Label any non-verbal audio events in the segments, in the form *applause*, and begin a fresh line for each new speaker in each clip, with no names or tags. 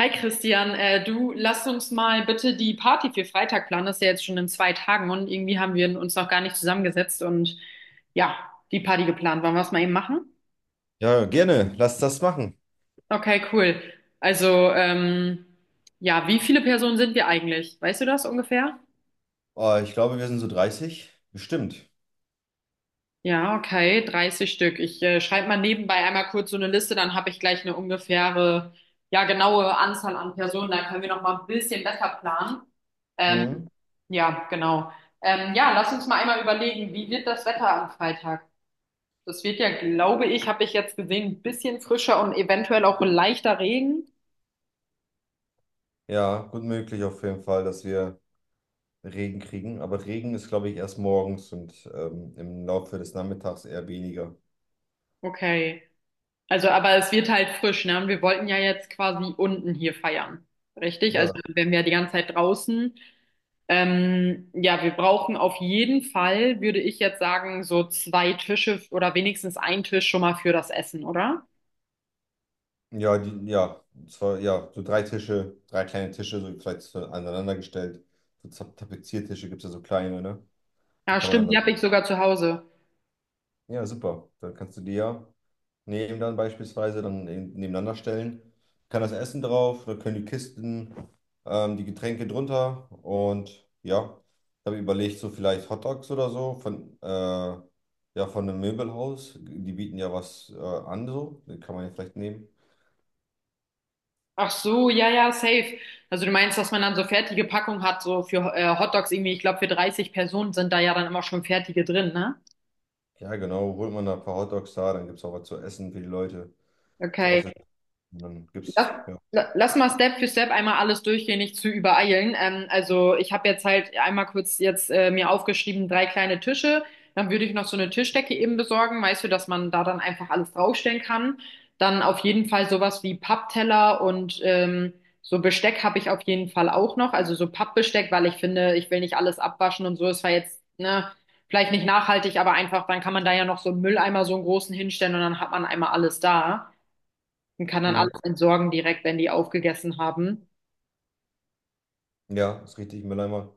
Hi Christian, du, lass uns mal bitte die Party für Freitag planen. Das ist ja jetzt schon in zwei Tagen und irgendwie haben wir uns noch gar nicht zusammengesetzt und ja, die Party geplant. Wollen wir es mal eben machen?
Ja, gerne. Lass das machen.
Okay, cool. Also, ja, wie viele Personen sind wir eigentlich? Weißt du das ungefähr?
Ah, ich glaube, wir sind so 30 bestimmt.
Ja, okay, 30 Stück. Ich schreibe mal nebenbei einmal kurz so eine Liste, dann habe ich gleich eine ungefähre, ja, genaue Anzahl an Personen. Dann können wir noch mal ein bisschen besser planen. Ähm,
Mhm.
ja, genau. Ja, lass uns mal einmal überlegen, wie wird das Wetter am Freitag? Das wird, ja, glaube ich, habe ich jetzt gesehen, ein bisschen frischer und eventuell auch leichter Regen.
Ja, gut möglich auf jeden Fall, dass wir Regen kriegen. Aber Regen ist, glaube ich, erst morgens und im Laufe des Nachmittags eher weniger.
Okay. Also, aber es wird halt frisch, ne? Und wir wollten ja jetzt quasi unten hier feiern. Richtig? Also,
Ja,
wenn wir die ganze Zeit draußen. Ja, wir brauchen auf jeden Fall, würde ich jetzt sagen, so zwei Tische oder wenigstens einen Tisch schon mal für das Essen, oder?
ja, die, ja, zwar, ja, so drei Tische, drei kleine Tische, so vielleicht so aneinander gestellt. So Tapeziertische gibt es ja so kleine, ne? Die
Ja,
kann man dann
stimmt, die
da.
habe ich sogar zu Hause.
Ja, super. Dann kannst du die ja neben dann beispielsweise dann nebeneinander stellen. Kann das Essen drauf, da können die Kisten, die Getränke drunter. Und ja, habe überlegt, so vielleicht Hotdogs oder so von, ja, von einem Möbelhaus. Die bieten ja was an, so. Den kann man ja vielleicht nehmen.
Ach so, ja, ja, safe. Also du meinst, dass man dann so fertige Packung hat, so für Hotdogs irgendwie, ich glaube, für 30 Personen sind da ja dann immer schon fertige drin, ne?
Ja, genau, holt man da ein paar Hotdogs da, dann gibt es auch was zu essen für die Leute. Ist auch
Okay.
sehr, und dann
Lass,
gibt's, ja.
lass mal Step für Step einmal alles durchgehen, nicht zu übereilen. Also ich habe jetzt halt einmal kurz jetzt mir aufgeschrieben, drei kleine Tische. Dann würde ich noch so eine Tischdecke eben besorgen, weißt du, dass man da dann einfach alles draufstellen kann. Dann auf jeden Fall sowas wie Pappteller und so Besteck habe ich auf jeden Fall auch noch. Also so Pappbesteck, weil ich finde, ich will nicht alles abwaschen und so. Es war jetzt, ne, vielleicht nicht nachhaltig, aber einfach, dann kann man da ja noch so einen Mülleimer, so einen großen, hinstellen und dann hat man einmal alles da und kann dann
Mhm.
alles entsorgen direkt, wenn die aufgegessen haben.
Ja, ist richtig, Mülleimer.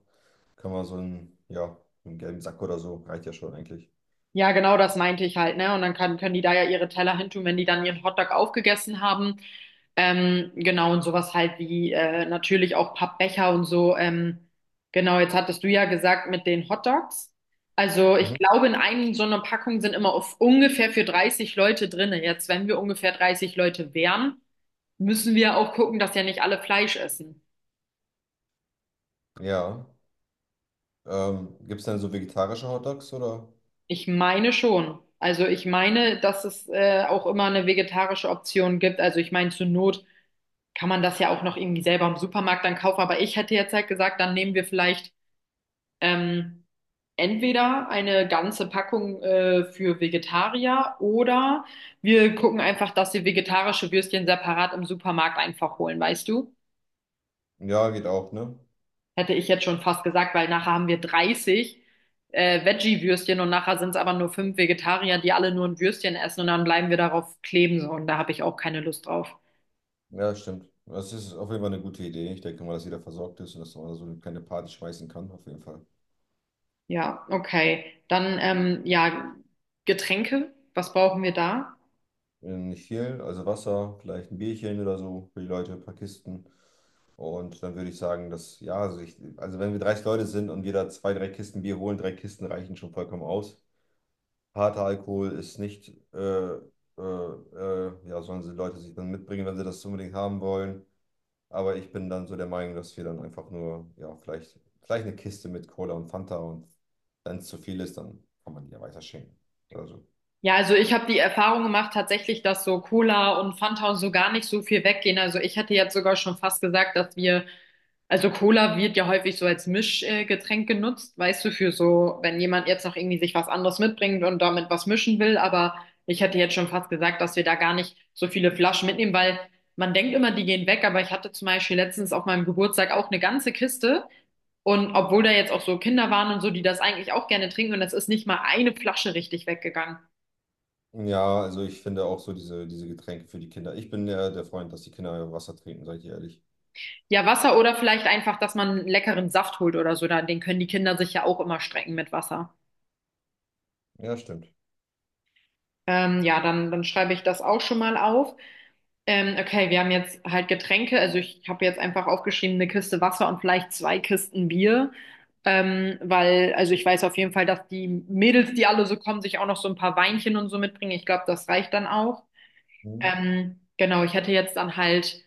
Kann man so einen, ja, einen gelben Sack oder so, reicht ja schon eigentlich.
Ja, genau das meinte ich halt, ne? Und dann kann, können die da ja ihre Teller hintun, wenn die dann ihren Hotdog aufgegessen haben. Genau, und sowas halt wie natürlich auch Pappbecher und so. Genau, jetzt hattest du ja gesagt mit den Hotdogs. Also ich
Mhm.
glaube, in einem so einer Packung sind immer auf ungefähr für 30 Leute drinne. Jetzt, wenn wir ungefähr 30 Leute wären, müssen wir auch gucken, dass ja nicht alle Fleisch essen.
Ja. Gibt es denn so vegetarische Hotdogs oder?
Ich meine schon. Also ich meine, dass es auch immer eine vegetarische Option gibt. Also ich meine, zur Not kann man das ja auch noch irgendwie selber im Supermarkt dann kaufen. Aber ich hätte jetzt halt gesagt, dann nehmen wir vielleicht ähm, entweder eine ganze Packung für Vegetarier oder wir gucken einfach, dass wir vegetarische Würstchen separat im Supermarkt einfach holen, weißt du?
Ja, geht auch, ne?
Hätte ich jetzt schon fast gesagt, weil nachher haben wir 30 Veggie-Würstchen und nachher sind es aber nur 5 Vegetarier, die alle nur ein Würstchen essen und dann bleiben wir darauf kleben so, und da habe ich auch keine Lust drauf.
Ja, stimmt. Das ist auf jeden Fall eine gute Idee. Ich denke mal, dass jeder versorgt ist und dass man da so eine kleine Party schmeißen kann, auf jeden Fall.
Ja, okay. Dann, ja, Getränke, was brauchen wir da?
Nicht viel, also Wasser, vielleicht ein Bierchen oder so für die Leute, ein paar Kisten. Und dann würde ich sagen, dass, ja, also, ich, also wenn wir 30 Leute sind und jeder zwei, drei Kisten Bier holen, drei Kisten reichen schon vollkommen aus. Harter Alkohol ist nicht, ja, sollen die Leute sich dann mitbringen, wenn sie das unbedingt haben wollen. Aber ich bin dann so der Meinung, dass wir dann einfach nur, ja, vielleicht, vielleicht eine Kiste mit Cola und Fanta, und wenn es zu viel ist, dann kann man die ja weiter schenken oder so.
Ja, also ich habe die Erfahrung gemacht tatsächlich, dass so Cola und Fanta und so gar nicht so viel weggehen. Also ich hätte jetzt sogar schon fast gesagt, dass wir. Also Cola wird ja häufig so als Mischgetränk genutzt, weißt du, für so, wenn jemand jetzt noch irgendwie sich was anderes mitbringt und damit was mischen will. Aber ich hätte jetzt schon fast gesagt, dass wir da gar nicht so viele Flaschen mitnehmen, weil man denkt immer, die gehen weg. Aber ich hatte zum Beispiel letztens auf meinem Geburtstag auch eine ganze Kiste. Und obwohl da jetzt auch so Kinder waren und so, die das eigentlich auch gerne trinken, und es ist nicht mal eine Flasche richtig weggegangen.
Ja, also ich finde auch so diese Getränke für die Kinder. Ich bin ja der Freund, dass die Kinder Wasser trinken, seid ihr ehrlich.
Ja, Wasser oder vielleicht einfach, dass man einen leckeren Saft holt oder so, da, den können die Kinder sich ja auch immer strecken mit Wasser.
Ja, stimmt.
Ja, dann, dann schreibe ich das auch schon mal auf. Okay, wir haben jetzt halt Getränke. Also ich habe jetzt einfach aufgeschrieben, eine Kiste Wasser und vielleicht zwei Kisten Bier. Weil, also ich weiß auf jeden Fall, dass die Mädels, die alle so kommen, sich auch noch so ein paar Weinchen und so mitbringen. Ich glaube, das reicht dann auch.
Mhm.
Genau, ich hätte jetzt dann halt,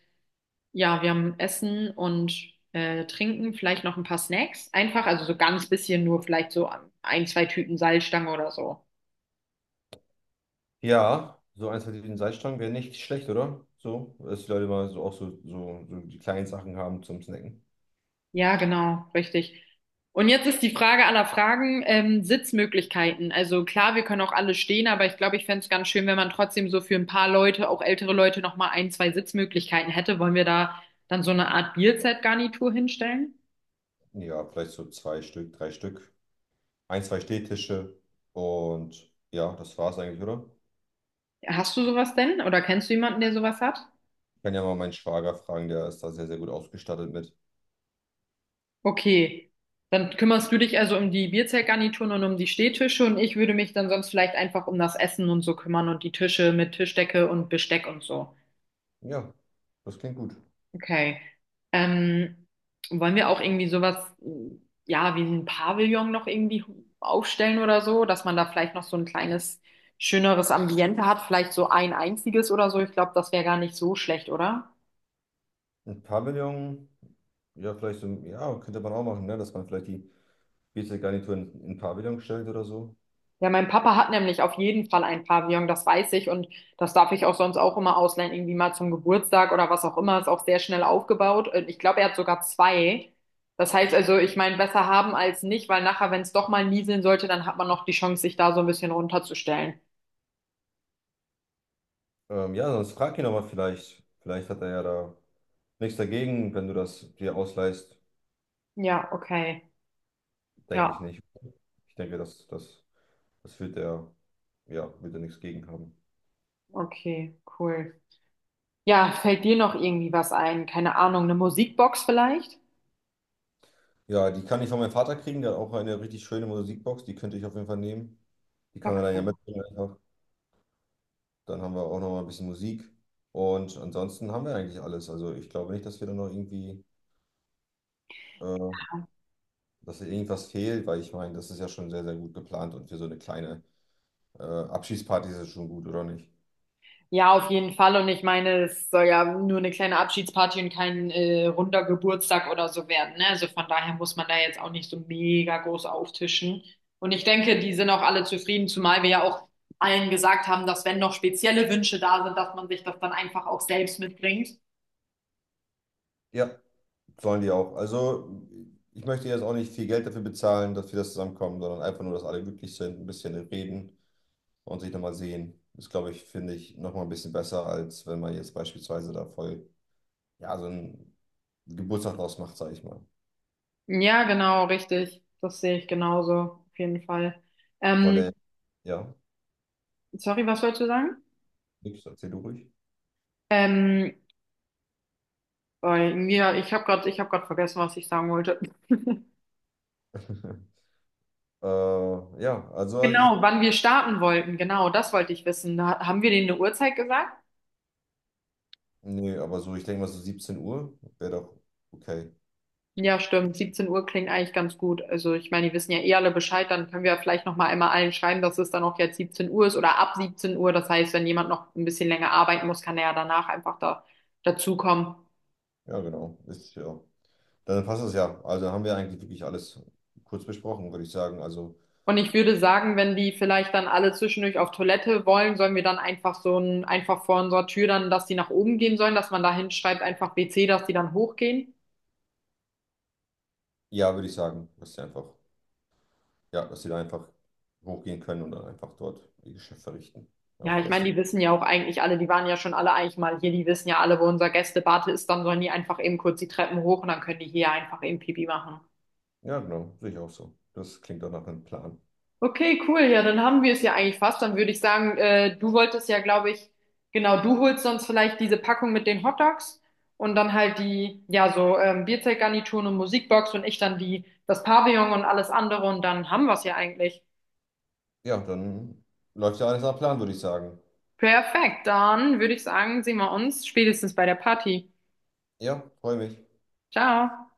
ja, wir haben Essen und Trinken, vielleicht noch ein paar Snacks. Einfach, also so ganz bisschen nur vielleicht so ein, zwei Tüten Salzstangen oder so.
Ja, so eins mit den Salzstangen wäre nicht schlecht, oder? So, dass die Leute mal so auch so die kleinen Sachen haben zum Snacken.
Ja, genau, richtig. Und jetzt ist die Frage aller Fragen, Sitzmöglichkeiten. Also klar, wir können auch alle stehen, aber ich glaube, ich fände es ganz schön, wenn man trotzdem so für ein paar Leute, auch ältere Leute, nochmal ein, zwei Sitzmöglichkeiten hätte. Wollen wir da dann so eine Art Bierzeltgarnitur hinstellen?
Ja, vielleicht so zwei Stück, drei Stück. Ein, zwei Stehtische. Und ja, das war's eigentlich, oder?
Hast du sowas denn? Oder kennst du jemanden, der sowas hat?
Ich kann ja mal meinen Schwager fragen, der ist da sehr, sehr gut ausgestattet mit.
Okay. Dann kümmerst du dich also um die Bierzeltgarnituren und um die Stehtische und ich würde mich dann sonst vielleicht einfach um das Essen und so kümmern und die Tische mit Tischdecke und Besteck und so.
Ja, das klingt gut.
Okay. Ähm, wollen wir auch irgendwie sowas, mh, ja, wie ein Pavillon noch irgendwie aufstellen oder so, dass man da vielleicht noch so ein kleines, schöneres Ambiente hat, vielleicht so ein einziges oder so. Ich glaube, das wäre gar nicht so schlecht, oder?
Ein Pavillon, ja, vielleicht so, ja, könnte man auch machen, ne? Dass man vielleicht die Bierzeltgarnitur in Pavillon stellt oder so.
Ja, mein Papa hat nämlich auf jeden Fall ein Pavillon, das weiß ich, und das darf ich auch sonst auch immer ausleihen, irgendwie mal zum Geburtstag oder was auch immer, ist auch sehr schnell aufgebaut. Und ich glaube, er hat sogar zwei. Das heißt also, ich meine, besser haben als nicht, weil nachher, wenn es doch mal nieseln sollte, dann hat man noch die Chance, sich da so ein bisschen runterzustellen.
Ja, sonst frag ihn aber vielleicht. Vielleicht hat er ja da nichts dagegen, wenn du das dir ausleihst.
Ja, okay.
Denke ich
Ja,
nicht. Ich denke, das wird er, ja, wird er nichts gegen haben.
okay, cool. Ja, fällt dir noch irgendwie was ein? Keine Ahnung, eine Musikbox vielleicht?
Ja, die kann ich von meinem Vater kriegen. Der hat auch eine richtig schöne Musikbox. Die könnte ich auf jeden Fall nehmen. Die kann er dann ja
Okay.
mitbringen einfach. Dann haben wir auch noch mal ein bisschen Musik. Und ansonsten haben wir eigentlich alles. Also ich glaube nicht, dass wir da noch irgendwie, äh, dass da irgendwas fehlt, weil ich meine, das ist ja schon sehr, sehr gut geplant und für so eine kleine Abschiedsparty ist es schon gut, oder nicht?
Ja, auf jeden Fall. Und ich meine, es soll ja nur eine kleine Abschiedsparty und kein runder Geburtstag oder so werden. Ne? Also von daher muss man da jetzt auch nicht so mega groß auftischen. Und ich denke, die sind auch alle zufrieden, zumal wir ja auch allen gesagt haben, dass wenn noch spezielle Wünsche da sind, dass man sich das dann einfach auch selbst mitbringt.
Ja, sollen die auch. Also ich möchte jetzt auch nicht viel Geld dafür bezahlen, dass wir das zusammenkommen, sondern einfach nur, dass alle glücklich sind, ein bisschen reden und sich nochmal sehen. Ist, glaube ich, finde ich, nochmal ein bisschen besser, als wenn man jetzt beispielsweise da voll, ja, so einen Geburtstag draus macht, sage ich mal.
Ja, genau, richtig. Das sehe ich genauso, auf jeden Fall.
Wolle,
Ähm,
ja,
sorry, was wolltest du sagen?
nix, erzähl du ruhig.
Ähm, oh, ja, ich habe gerade vergessen, was ich sagen wollte. *laughs*
*laughs* Äh, ja, also, ich,
Genau, wann wir starten wollten, genau, das wollte ich wissen. Da, haben wir denen eine Uhrzeit gesagt?
nee, aber so, ich denke mal so 17 Uhr wäre doch okay.
Ja, stimmt. 17 Uhr klingt eigentlich ganz gut. Also ich meine, die wissen ja eh alle Bescheid, dann können wir vielleicht noch mal einmal allen schreiben, dass es dann auch jetzt 17 Uhr ist oder ab 17 Uhr. Das heißt, wenn jemand noch ein bisschen länger arbeiten muss, kann er ja danach einfach da dazukommen.
Ja, genau. Ist, ja. Dann passt es ja. Also haben wir eigentlich wirklich alles kurz besprochen, würde ich sagen. Also,
Und ich würde sagen, wenn die vielleicht dann alle zwischendurch auf Toilette wollen, sollen wir dann einfach so ein, einfach vor unserer Tür dann, dass die nach oben gehen sollen, dass man da hinschreibt, einfach WC, dass die dann hochgehen.
ja, würde ich sagen, dass sie einfach, ja, dass sie da einfach hochgehen können und dann einfach dort ihr Geschäft verrichten.
Ja,
Auf
ich meine,
Gäste.
die wissen ja auch eigentlich alle, die waren ja schon alle eigentlich mal hier, die wissen ja alle, wo unser Gästebad ist, dann sollen die einfach eben kurz die Treppen hoch und dann können die hier einfach eben Pipi machen.
Ja, genau, sehe ich auch so. Das klingt doch nach einem Plan.
Okay, cool, ja, dann haben wir es ja eigentlich fast. Dann würde ich sagen, du wolltest ja, glaube ich, genau, du holst sonst vielleicht diese Packung mit den Hotdogs und dann halt die, ja, so Bierzeltgarnituren und Musikbox und ich dann die, das Pavillon und alles andere und dann haben wir es ja eigentlich.
Ja, dann läuft ja alles nach Plan, würde ich sagen.
Perfekt, dann würde ich sagen, sehen wir uns spätestens bei der Party.
Ja, freue mich.
Ciao.